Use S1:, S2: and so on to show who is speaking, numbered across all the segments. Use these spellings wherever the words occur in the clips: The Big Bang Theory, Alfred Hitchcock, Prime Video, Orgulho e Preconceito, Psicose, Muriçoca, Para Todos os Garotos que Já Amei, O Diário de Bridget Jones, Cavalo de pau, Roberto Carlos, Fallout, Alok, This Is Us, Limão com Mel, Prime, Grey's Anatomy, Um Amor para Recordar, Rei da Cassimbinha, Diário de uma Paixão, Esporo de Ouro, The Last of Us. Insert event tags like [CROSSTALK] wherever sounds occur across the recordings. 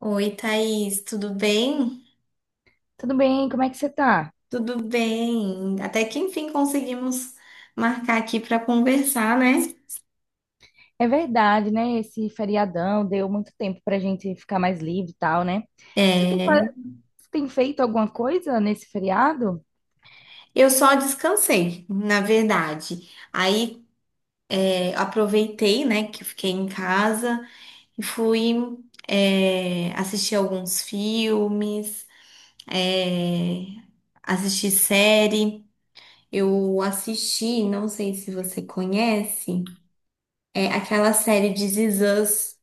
S1: Oi, Thaís, tudo bem?
S2: Tudo bem? Como é que você tá?
S1: Tudo bem. Até que enfim conseguimos marcar aqui para conversar, né?
S2: É verdade, né? Esse feriadão deu muito tempo pra gente ficar mais livre e tal, né? Você tem, pa-
S1: É,
S2: você tem feito alguma coisa nesse feriado?
S1: eu só descansei, na verdade. Aí aproveitei, né, que eu fiquei em casa e fui assistir alguns filmes, é, assistir série. Eu assisti, não sei se você conhece, é aquela série de This Is Us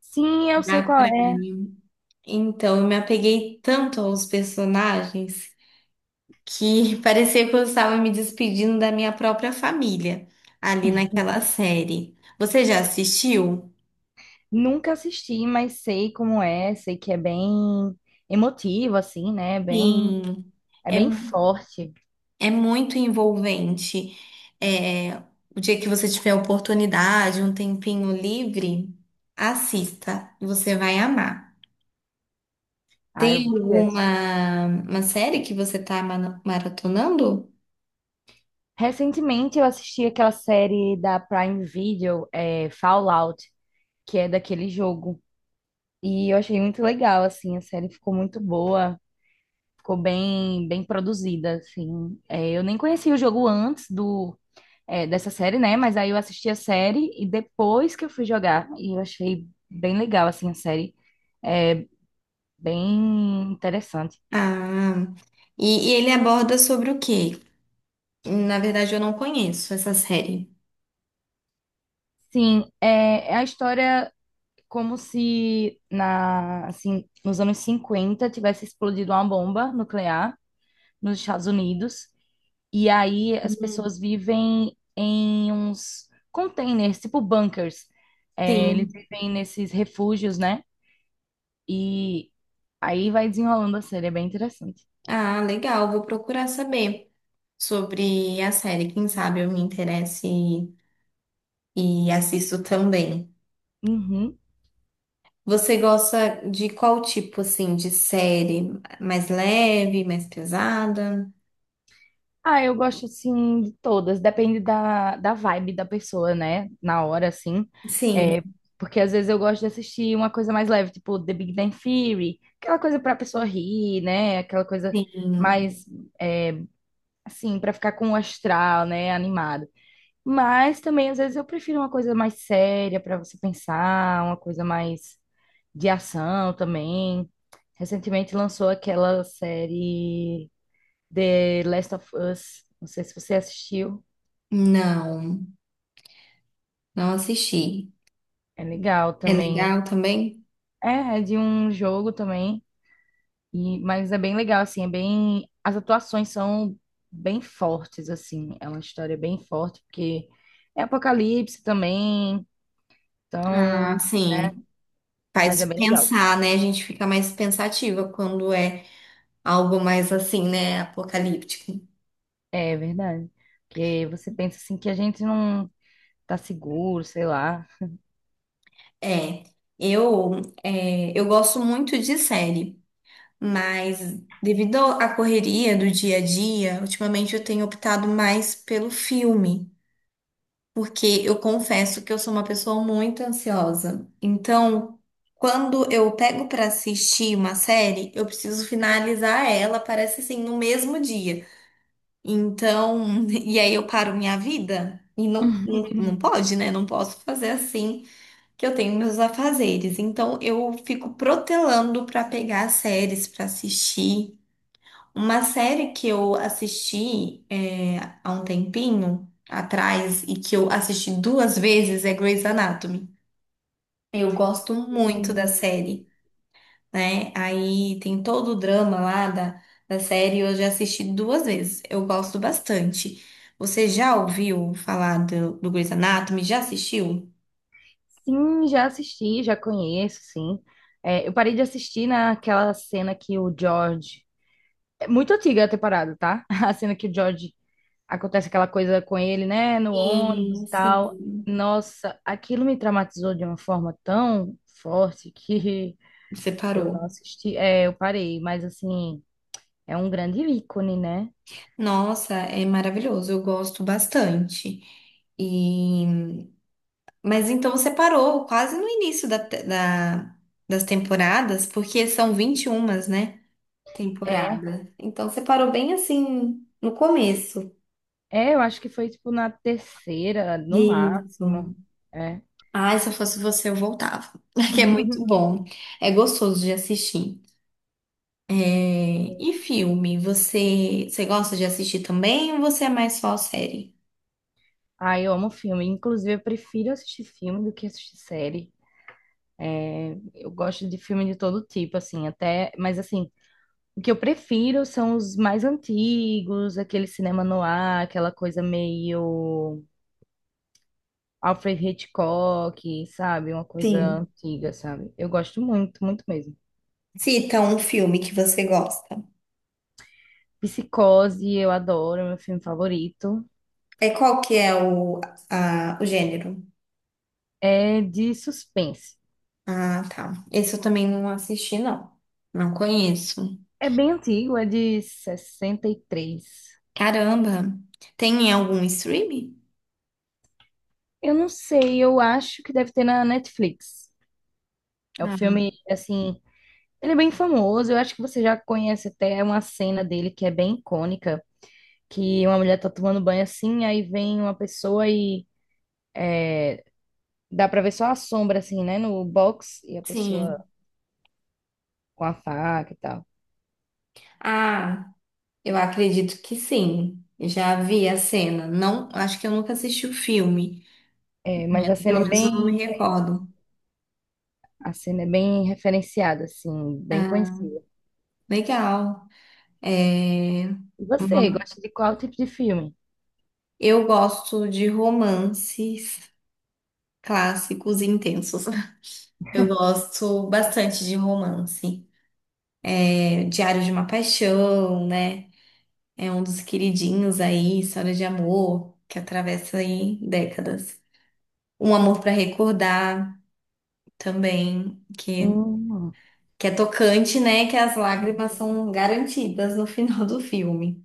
S2: Sim, eu sei
S1: da
S2: qual é.
S1: Prime. Então, eu me apeguei tanto aos personagens que [LAUGHS] parecia que eu estava me despedindo da minha própria família ali naquela série. Você já assistiu?
S2: Nunca assisti, mas sei como é. Sei que é bem emotivo, assim, né? Bem,
S1: Sim,
S2: é
S1: é,
S2: bem forte.
S1: é muito envolvente. É, o dia que você tiver oportunidade, um tempinho livre, assista, você vai amar.
S2: Ah, eu
S1: Tem
S2: vou querer assistir.
S1: alguma uma série que você está maratonando?
S2: Recentemente eu assisti aquela série da Prime Video, Fallout, que é daquele jogo. E eu achei muito legal, assim, a série ficou muito boa, ficou bem produzida, assim. É, eu nem conhecia o jogo antes dessa série, né? Mas aí eu assisti a série e depois que eu fui jogar, e eu achei bem legal, assim, a série, É, bem interessante.
S1: Ah, e ele aborda sobre o quê? Na verdade, eu não conheço essa série.
S2: Sim, é a história como se assim, nos anos 50 tivesse explodido uma bomba nuclear nos Estados Unidos. E aí as
S1: Hum.
S2: pessoas vivem em uns containers, tipo bunkers. É, eles
S1: Sim.
S2: vivem nesses refúgios, né? E aí vai desenrolando a série, é bem interessante.
S1: Ah, legal. Vou procurar saber sobre a série. Quem sabe eu me interesse e assisto também.
S2: Uhum.
S1: Você gosta de qual tipo, assim, de série? Mais leve, mais pesada?
S2: Ah, eu gosto assim de todas, depende da vibe da pessoa, né? Na hora, assim.
S1: Sim,
S2: É, porque às vezes eu gosto de assistir uma coisa mais leve, tipo The Big Bang Theory, aquela coisa pra pessoa rir, né? Aquela coisa
S1: sim.
S2: mais, é, assim, pra ficar com o astral, né? Animado. Mas também, às vezes, eu prefiro uma coisa mais séria para você pensar, uma coisa mais de ação também. Recentemente lançou aquela série The Last of Us. Não sei se você assistiu.
S1: Não, não assisti.
S2: É legal
S1: É
S2: também.
S1: legal também?
S2: É, é de um jogo também. Mas é bem legal, assim, é bem. As atuações são bem fortes, assim. É uma história bem forte, porque é apocalipse também.
S1: Ah,
S2: Então,
S1: sim.
S2: mas
S1: Faz
S2: é bem legal.
S1: pensar, né? A gente fica mais pensativa quando é algo mais assim, né? Apocalíptico.
S2: É verdade. Porque você pensa assim que a gente não tá seguro, sei lá.
S1: É, eu, eu gosto muito de série, mas devido à correria do dia a dia, ultimamente eu tenho optado mais pelo filme, porque eu confesso que eu sou uma pessoa muito ansiosa. Então, quando eu pego para assistir uma série, eu preciso finalizar ela, parece assim, no mesmo dia. Então, [LAUGHS] e aí eu paro minha vida? E não, não, não
S2: [LAUGHS]
S1: pode, né? Não posso fazer assim que eu tenho meus afazeres. Então eu fico protelando para pegar as séries para assistir. Uma série que eu assisti há um tempinho atrás e que eu assisti duas vezes é Grey's Anatomy. Eu gosto muito da série, né? Aí tem todo o drama lá da série, eu já assisti duas vezes. Eu gosto bastante. Você já ouviu falar do Grey's Anatomy? Já assistiu?
S2: Sim, já assisti, já conheço, sim. É, eu parei de assistir naquela cena que o George. É muito antiga a temporada, tá? [LAUGHS] A cena que o George acontece aquela coisa com ele, né? No ônibus
S1: Sim,
S2: e tal.
S1: sim.
S2: Nossa, aquilo me traumatizou de uma forma tão forte que
S1: Você
S2: [LAUGHS] eu
S1: parou.
S2: não assisti. É, eu parei, mas assim, é um grande ícone, né?
S1: Nossa, é maravilhoso, eu gosto bastante. E... Mas então você parou quase no início das temporadas, porque são 21, né?
S2: É.
S1: Temporada. Então você parou bem assim no começo.
S2: É, eu acho que foi tipo na terceira, no
S1: E
S2: máximo.
S1: hum,
S2: É.
S1: ai, se eu fosse você, eu voltava. [LAUGHS] Que é muito bom. É gostoso de assistir. É, e filme, você gosta de assistir também ou você é mais só série?
S2: Ah, eu amo filme. Inclusive, eu prefiro assistir filme do que assistir série. Eu gosto de filme de todo tipo, assim, até. Mas assim, o que eu prefiro são os mais antigos, aquele cinema no ar, aquela coisa meio Alfred Hitchcock, sabe? Uma coisa
S1: Sim.
S2: antiga, sabe? Eu gosto muito, muito mesmo.
S1: Cita um filme que você gosta.
S2: Psicose, eu adoro, é meu filme favorito.
S1: É qual que é o gênero?
S2: É de suspense.
S1: Ah, tá. Esse eu também não assisti, não. Não conheço.
S2: É bem antigo, é de 63.
S1: Caramba. Tem em algum streaming?
S2: Eu não sei, eu acho que deve ter na Netflix. É o
S1: Ah,
S2: filme, assim, ele é bem famoso. Eu acho que você já conhece até uma cena dele que é bem icônica, que uma mulher tá tomando banho assim, aí vem uma pessoa e dá pra ver só a sombra, assim, né, no box, e a pessoa
S1: sim.
S2: com a faca e tal.
S1: Ah, eu acredito que sim. Já vi a cena. Não, acho que eu nunca assisti o filme.
S2: É, mas a cena
S1: Pelo
S2: é
S1: menos eu não me
S2: bem conhecida.
S1: recordo.
S2: A cena é bem referenciada, assim, bem conhecida.
S1: Legal. É,
S2: E você, gosta de qual tipo de filme?
S1: eu gosto de romances clássicos e intensos. [LAUGHS] Eu gosto bastante de romance. Diário de uma Paixão, né? É um dos queridinhos aí, história de amor, que atravessa aí décadas. Um Amor para Recordar também,
S2: Hum.
S1: que é tocante, né? Que as lágrimas são garantidas no [LAUGHS] final do filme.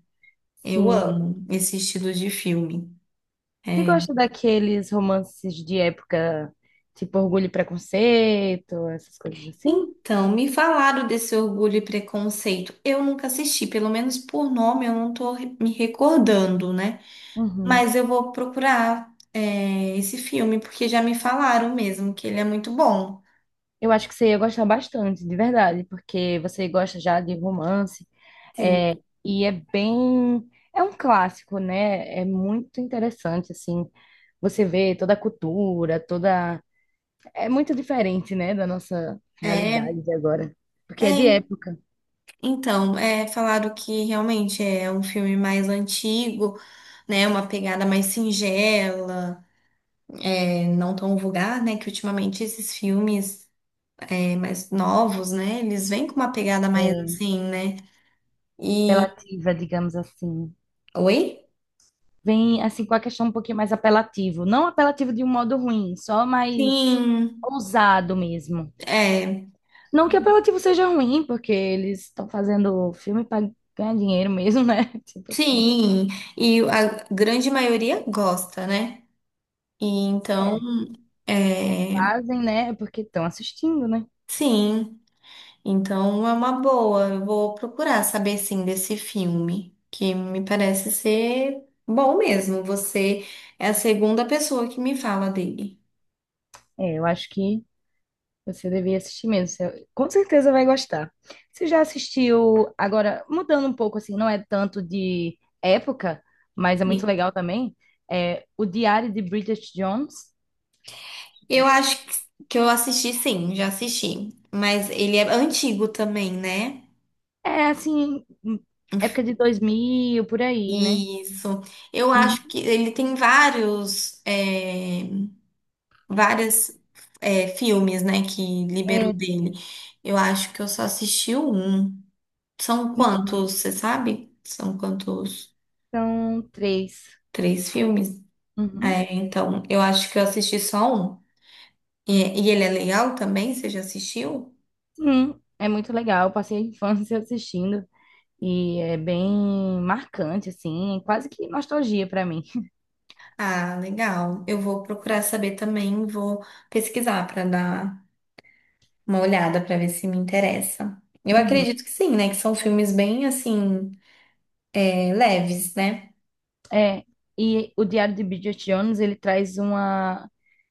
S1: Eu
S2: Sim.
S1: amo esse estilo de filme.
S2: Você
S1: É.
S2: gosta daqueles romances de época, tipo Orgulho e Preconceito, essas coisas assim?
S1: Então, me falaram desse Orgulho e Preconceito. Eu nunca assisti, pelo menos por nome eu não tô me recordando, né?
S2: Uhum.
S1: Mas eu vou procurar, esse filme, porque já me falaram mesmo que ele é muito bom.
S2: Eu acho que você ia gostar bastante, de verdade, porque você gosta já de romance,
S1: Sim.
S2: é, e é um clássico, né? É muito interessante, assim, você vê toda a cultura, toda, é muito diferente, né, da nossa
S1: É,
S2: realidade de agora, porque é de
S1: é,
S2: época,
S1: então, falaram que realmente é um filme mais antigo, né? Uma pegada mais singela, não tão vulgar, né? Que ultimamente esses filmes mais novos, né? Eles vêm com uma pegada mais
S2: é
S1: assim, né? E
S2: relativa, digamos assim.
S1: Oi?
S2: Vem assim com a questão um pouquinho mais apelativo. Não apelativo de um modo ruim, só mais
S1: sim,
S2: ousado mesmo.
S1: é,
S2: Não que apelativo seja ruim, porque eles estão fazendo filme para ganhar dinheiro mesmo, né? [LAUGHS] Tipo assim,
S1: sim. E a grande maioria gosta, né? E então. É,
S2: fazem, né? É, porque estão assistindo, né?
S1: sim, então é uma boa. Eu vou procurar saber sim desse filme, que me parece ser bom mesmo. Você é a segunda pessoa que me fala dele.
S2: É, eu acho que você deveria assistir mesmo. Você, com certeza vai gostar. Você já assistiu, agora, mudando um pouco assim, não é tanto de época, mas é muito
S1: Sim.
S2: legal também. É o Diário de Bridget Jones. Já
S1: Eu acho
S2: assisti?
S1: que eu assisti sim, já assisti, mas ele é antigo também, né?
S2: É assim, época de 2000 por aí, né?
S1: Isso. Eu acho
S2: Uhum.
S1: que ele tem vários, várias, filmes, né, que liberou
S2: É,
S1: dele. Eu acho que eu só assisti um. São
S2: uhum.
S1: quantos, você sabe? São quantos?
S2: São três.
S1: Três filmes?
S2: Uhum.
S1: É, então, eu acho que eu assisti só um. E, e ele é legal também? Você já assistiu?
S2: Sim, é muito legal. Eu passei a infância [LAUGHS] assistindo e é bem marcante, assim, quase que nostalgia pra mim. [LAUGHS]
S1: Ah, legal. Eu vou procurar saber também, vou pesquisar para dar uma olhada para ver se me interessa. Eu
S2: Uhum.
S1: acredito que sim, né? Que são filmes bem assim, leves, né?
S2: É, e o Diário de Bridget Jones, ele traz uma...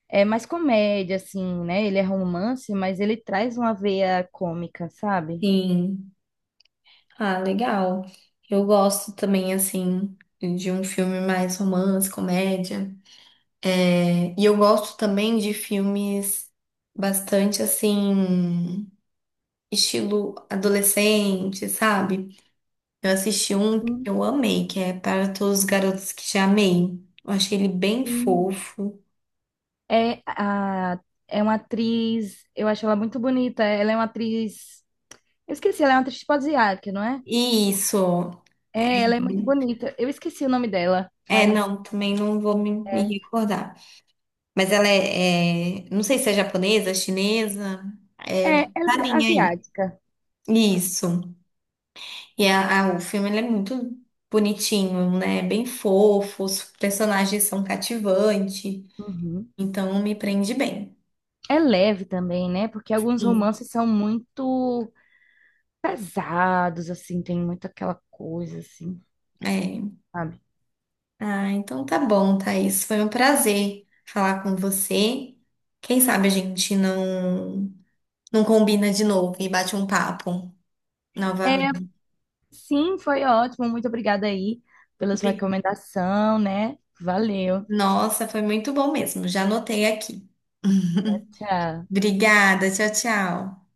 S2: É mais comédia, assim, né? Ele é romance, mas ele traz uma veia cômica, sabe?
S1: Sim. Ah, legal. Eu gosto também, assim, de um filme mais romance, comédia. É, e eu gosto também de filmes bastante assim, estilo adolescente, sabe? Eu assisti um que
S2: Sim,
S1: eu amei, que é Para Todos os Garotos que Já Amei. Eu achei ele bem
S2: sim.
S1: fofo.
S2: É, é uma atriz, eu acho ela muito bonita. Ela é uma atriz, eu esqueci, ela é uma atriz tipo asiática, não é?
S1: E isso.
S2: É, ela é muito bonita. Eu esqueci o nome dela,
S1: É,
S2: mas
S1: não, também não vou me
S2: é,
S1: recordar. Mas ela não sei se é japonesa, chinesa. É. Tá
S2: ela é
S1: nem aí.
S2: asiática.
S1: Isso. E o filme ele é muito bonitinho, né? Bem fofo, os personagens são cativantes,
S2: Uhum.
S1: então me prende bem.
S2: É leve também, né? Porque alguns
S1: Sim.
S2: romances são muito pesados, assim, tem muito aquela coisa, assim,
S1: É.
S2: sabe?
S1: Ah, então tá bom, Thaís. Foi um prazer falar com você. Quem sabe a gente não, não combina de novo e bate um papo
S2: É,
S1: novamente.
S2: sim, foi ótimo. Muito obrigada aí pela sua
S1: Obri-
S2: recomendação, né? Valeu.
S1: Nossa, foi muito bom mesmo. Já anotei aqui. [LAUGHS]
S2: Tchau.
S1: Obrigada, tchau, tchau.